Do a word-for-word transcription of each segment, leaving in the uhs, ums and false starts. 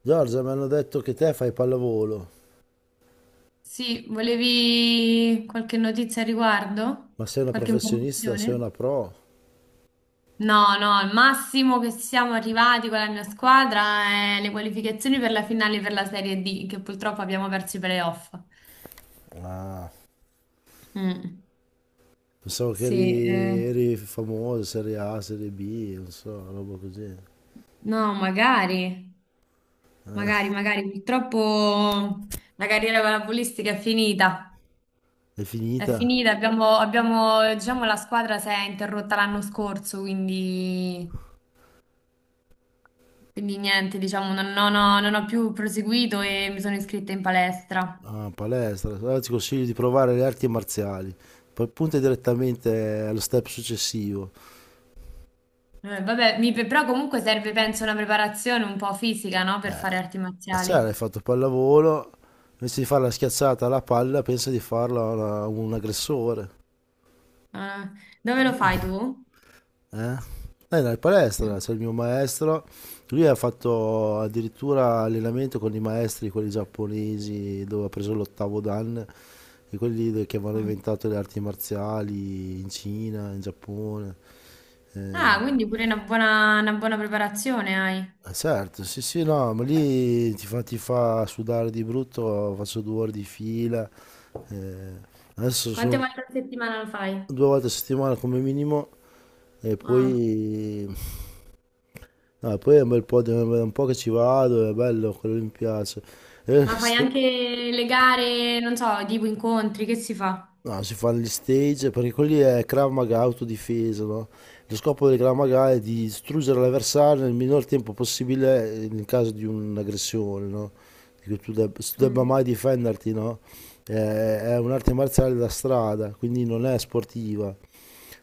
Giorgia, mi hanno detto che te fai pallavolo, Sì, volevi qualche notizia a riguardo? ma sei una Qualche professionista, sei informazione? una pro. No, no, il massimo che siamo arrivati con la mia squadra è le qualificazioni per la finale per la Serie D, che purtroppo abbiamo perso i playoff. Ah, Mm, pensavo che sì, eh, eri, eri famoso, serie A, serie B, non so, roba così. no, magari, Eh, magari, magari, purtroppo la carriera palavolistica è finita, È è finita? finita, abbiamo, abbiamo, diciamo, la squadra si è interrotta l'anno scorso, quindi... Quindi niente, diciamo, non, non ho, non ho più proseguito e mi sono iscritta in palestra. Ah, palestra. Allora ti consiglio di provare le arti marziali. Poi punta direttamente allo step successivo. Eh, vabbè, mi- però comunque serve, penso, una preparazione un po' fisica, no? Per fare arti Eh, marziali. cioè, hai fatto pallavolo, invece di fare la schiacciata alla palla, pensa di farla a una- a un aggressore. Ah, dove lo fai tu? Eh? Era in palestra, c'è il mio maestro. Lui ha fatto addirittura allenamento con i maestri, quelli giapponesi, dove ha preso l'ottavo dan, e quelli de- che avevano Ah, inventato le arti marziali in Cina, in Giappone. ah, Eh, quindi pure una buona, una buona preparazione hai. eh, certo, sì, sì, no, ma lì ti fa, ti fa sudare di brutto, faccio due ore di fila. Eh. Adesso Quante sono volte a settimana lo fai? due volte a settimana come minimo. E Ah, poi... No, e poi è un bel po', di- è un po' che ci vado, è bello, quello lì mi piace. E ma fai sto- anche le gare, non so, tipo incontri, che si fa? no, si fanno gli stage, perché quelli è Krav Maga, autodifesa, no? Lo scopo del Krav Maga è di distruggere l'avversario nel minor tempo possibile eh, in caso di un'aggressione, no? Che tu deb- tu debba Mm. mai difenderti, no? Eh, è un'arte marziale da strada, quindi non è sportiva.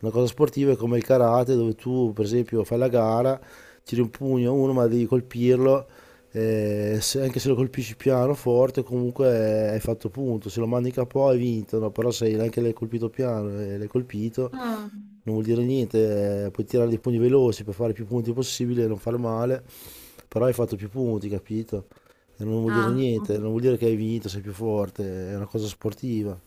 Una cosa sportiva è come il karate dove tu per esempio fai la gara, tiri un pugno a uno ma devi colpirlo, eh, se- anche se lo colpisci piano, forte, comunque hai fatto punto, se lo mandi capo hai vinto, no? Però se anche l'hai colpito piano e l'hai colpito Ah, non vuol dire niente, eh, puoi tirare dei pugni veloci per fare più punti possibile e non fare male, però hai fatto più punti, capito? E non vuol dire ah, niente, non vuol dire che hai vinto, sei più forte, è una cosa sportiva.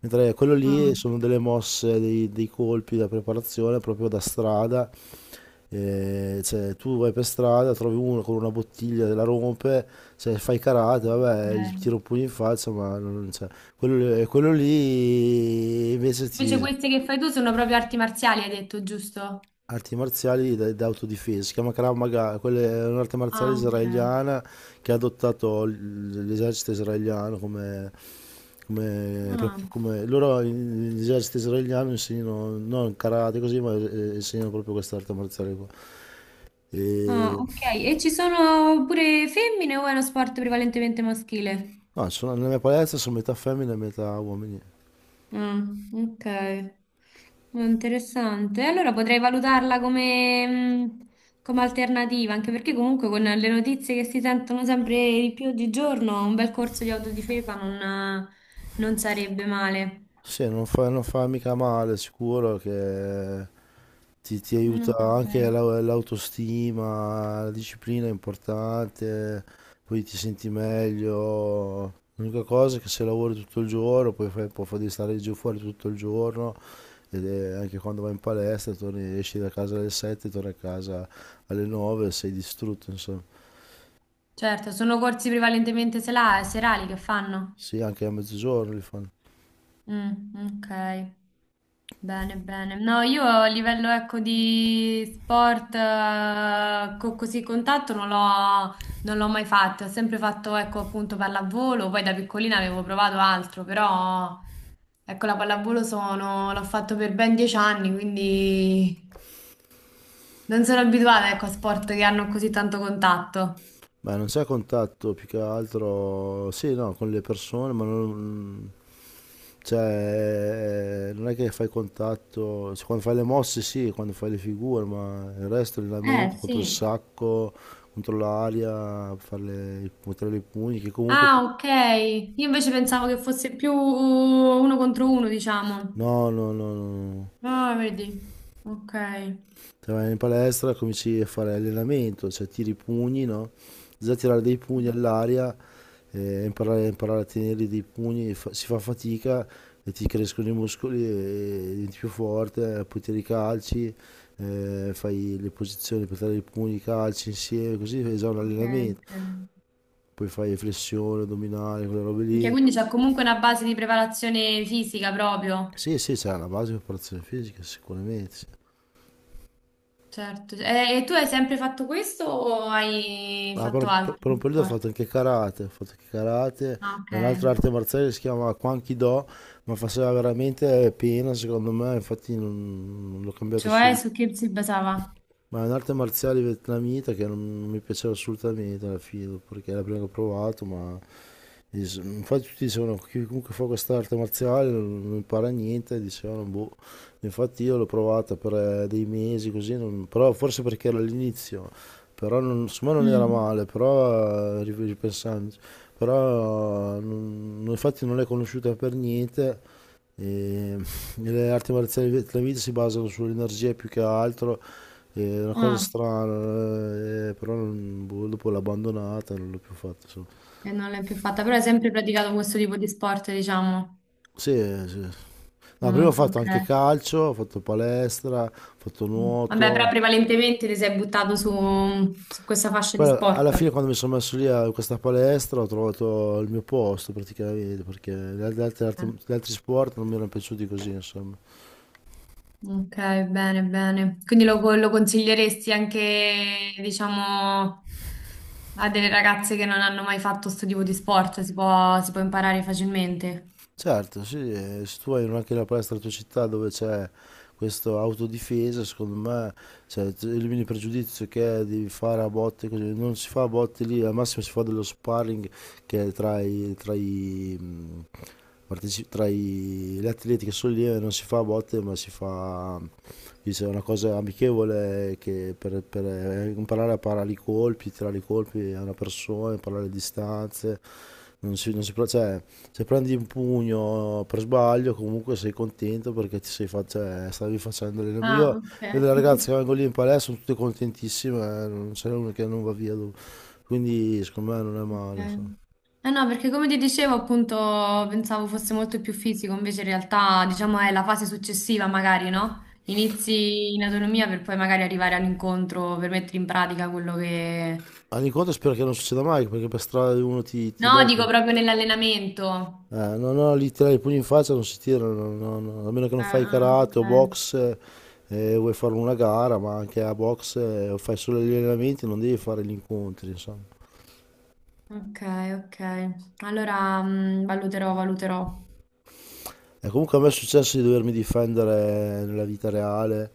Mentre quello lì mm. sono delle mosse, dei, dei colpi da preparazione proprio da strada. Eh, cioè, tu vai per strada, trovi uno con una bottiglia, la rompe, cioè, fai karate, vabbè, gli tiro Ok. un pugno in faccia, ma non, cioè, quello, quello lì invece Invece ti... queste che fai tu sono proprio arti marziali, hai detto, giusto? Arti marziali d- d'autodifesa, si chiama Krav Maga, quella è un'arte marziale Ah, ok. israeliana che ha adottato l- l'esercito israeliano come, come- Ah, come- loro in- l'esercito israeliano insegnano non karate così, ma eh, insegnano proprio questa arte marziale qua. ah, E, ok. E ci sono pure femmine o è uno sport prevalentemente maschile? no, sono- nella mia palestra sono metà femmine e metà uomini. Ah, ok. Ah, interessante. Allora potrei valutarla come, mh, come alternativa, anche perché comunque con le notizie che si sentono sempre di più oggigiorno, un bel corso di autodifesa non, non sarebbe male. Sì, non fa, non fa mica male, sicuro che ti, ti No, aiuta no, anche bene. la- l'autostima, la disciplina è importante, poi ti senti meglio. L'unica cosa è che se lavori tutto il giorno, poi fai, puoi fare di stare giù fuori tutto il giorno, ed è- anche quando vai in palestra, torni, esci da casa alle sette, torni a casa alle nove, sei distrutto, insomma. Certo, sono corsi prevalentemente sela- serali che fanno. Sì, anche a mezzogiorno li fanno. Mm, ok. Bene, bene. No, io a livello ecco di sport eh, co- così contatto non l'ho non l'ho mai fatto, ho sempre fatto ecco appunto pallavolo, poi da piccolina avevo provato altro, però ecco la pallavolo sono, l'ho fatto per ben dieci anni, quindi non sono abituata ecco a sport che hanno così tanto contatto. Beh, non c'è contatto più che altro, sì, no, con le persone, ma non, cioè, non è che fai contatto, cioè, quando fai le mosse sì, quando fai le figure, ma il resto, Eh allenamento, sì. contro il sacco, contro l'aria, fare le- buttare i pugni, che comunque, Ah, ok. Io invece pensavo che fosse più uno contro uno, diciamo. no, no, no, no, no. Ah, vedi. Ok. Te vai in palestra, cominci a fare allenamento, cioè tiri i pugni, no? Già tirare dei pugni all'aria eh, imparare, imparare a tenere dei pugni fa- si fa fatica e ti crescono i muscoli e diventi più forte, eh, poi tiri i calci, eh, fai le posizioni per dare i pugni, i calci insieme, così è già un Ok, allenamento. ok. Poi fai flessione, addominale, quelle robe Ok, lì. quindi c'è comunque una base di preparazione fisica proprio. Sì, sì, c'è una base di preparazione fisica, sicuramente. Sì. Certo. E, e tu hai sempre fatto questo o hai Ah, per, fatto un, per- altri per un periodo ho fatto sport? anche karate, ho fatto anche karate, Ah, ok. è un'altra arte marziale che si chiama Kwankido, ma faceva veramente pena secondo me, infatti non, non l'ho cambiato Cioè, subito. su che si basava? Ma è un'arte marziale vietnamita che non, non mi piaceva assolutamente alla fine, perché è la prima che ho provato, ma dis- infatti tutti dicevano chi comunque fa questa arte marziale non, non impara niente, dicevano boh, infatti io l'ho provata per eh, dei mesi così, non- però forse perché era all'inizio, però non, secondo me non era Mm. male, però eh, ri- ripensandoci, però eh, non- infatti non l'hai conosciuta per niente. E le arti marziali vietnamite si basano sull'energia più che altro, è una cosa Ah, strana, eh, però non- boh, dopo l'ho abbandonata, non l'ho più fatta. Insomma. e non l'hai più fatta, però hai sempre praticato questo tipo di sport, diciamo. Sì, sì. No, prima ho Mm, fatto ok. anche calcio, ho fatto palestra, ho fatto Mm. Vabbè, però nuoto. prevalentemente ti sei buttato su, su questa fascia di Poi alla sport. fine quando mi sono messo lì a in questa palestra ho trovato il mio posto praticamente, perché gli Eh. altri, gli altri sport non mi erano piaciuti così, insomma. Ok, bene, bene. Quindi lo, lo consiglieresti anche, diciamo, a delle ragazze che non hanno mai fatto questo tipo di sport? Si può, si può imparare facilmente? Certo, sì, e se tu hai anche una palestra nella tua città dove c'è questa autodifesa, secondo me, cioè, tu elimini il pregiudizio che è di fare a botte così, non si fa a botte lì, al massimo si fa dello sparring che è tra i, tra i, mh, parteci- tra i- gli atleti che sono lì e non si fa a botte, ma si fa dice, una cosa amichevole che per, per eh, imparare a parare i colpi, tirare i colpi a una persona, imparare le distanze, non si, non si, pro- cioè, se prendi un pugno per sbaglio comunque sei contento perché ti sei fatto, cioè, stavi facendo allenamento. Ah, Io ok. vedo le ragazze che vengo lì in palestra, sono tutte contentissime, eh, non c'è una che non va via. Dopo. Quindi secondo me non è Ok. male. Insomma. Eh no, perché come ti dicevo, appunto, pensavo fosse molto più fisico, invece in realtà, diciamo, è la fase successiva, magari, no? Inizi in autonomia per poi magari arrivare all'incontro per mettere in pratica quello che... All'incontro spero che non succeda mai perché per strada uno ti, ti No, becca. dico proprio nell'allenamento. Eh, no, no, lì tirare i pugni in faccia non si tirano, no, no, no. A meno che non Ah, fai ah, ok. karate o box eh, e eh, vuoi fare una gara, ma anche a box eh, fai solo gli allenamenti, non devi fare gli incontri, insomma. Ok, ok. Allora, mm, valuterò, valuterò. E comunque a me è successo di dovermi difendere nella vita reale.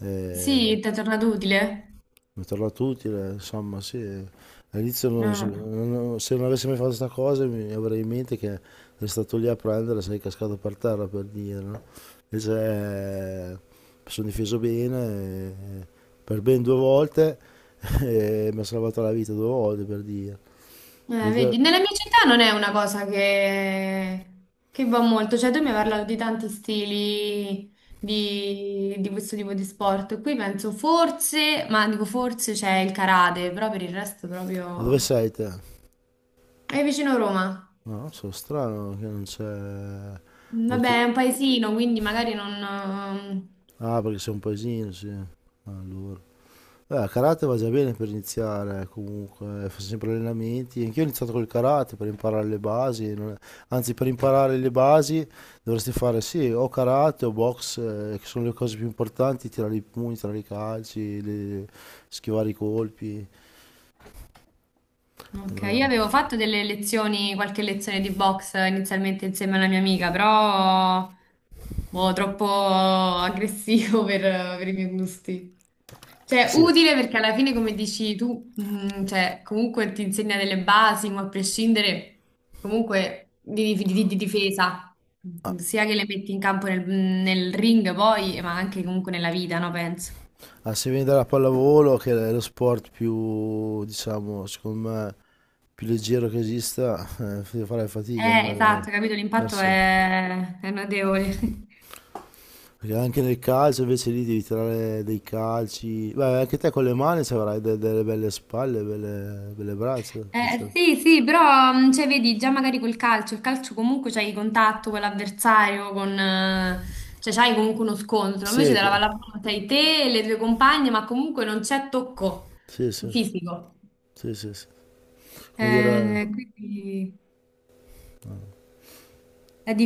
Eh, Sì, ti è tornato utile? mi è tornato utile, insomma, sì. All'inizio non so- Mm. non- se non avessi mai fatto questa cosa mi avrei in mente che eri stato lì a prendere, sei cascato per terra per dire, no? Invece eh, mi sono difeso bene eh, per ben due volte e mi ha salvato la vita due volte per dire. Eh, Perché te- vedi, nella mia città non è una cosa che, che va molto, cioè tu mi hai parlato di tanti stili di, di questo tipo di sport. Qui penso forse, ma dico forse c'è il karate, però per il resto ma dove proprio... sei te? È vicino a Roma. No, non so, strano che non c'è Mm, auto... vabbè, è un paesino, quindi magari non... Ah, perché sei un paesino, sì. Allora. Eh, karate va già bene per iniziare, comunque, faccio sempre allenamenti. Anch'io ho iniziato col karate per imparare le basi, non è- anzi per imparare le basi dovresti fare sì, o karate o box, eh, che sono le cose più importanti, tirare i pugni, tirare i calci, le- schivare i colpi. Ok, Eh, io avevo fatto delle lezioni, qualche lezione di box inizialmente insieme alla mia amica, però boh, troppo aggressivo per, per i miei gusti. Cioè, Sì. utile perché alla fine, come dici tu, mm, cioè, comunque ti insegna delle basi, ma a prescindere comunque di, di- di- di difesa, sia che le metti in campo nel, nel ring poi, ma anche comunque nella vita, no, penso. Ah, se vieni dalla pallavolo, che è lo sport più, diciamo, secondo me, più leggero che esista, eh, farai fatica ad Eh, andare esatto, capito, l'impatto verso... è, è notevole. Perché anche nel calcio invece lì devi tirare dei calci. Beh, anche te con le mani se avrai de- delle belle spalle, belle, belle braccia. Eh, sì, sì, però mh, cioè, vedi già magari col calcio, il calcio comunque c'hai contatto con l'avversario, con, eh, cioè c'hai comunque uno scontro, invece Sì, della che... pallavolo sei te e le tue compagne, ma comunque non c'è tocco sì, sì, fisico. sì, sì, sì. Come Eh, dire... quindi è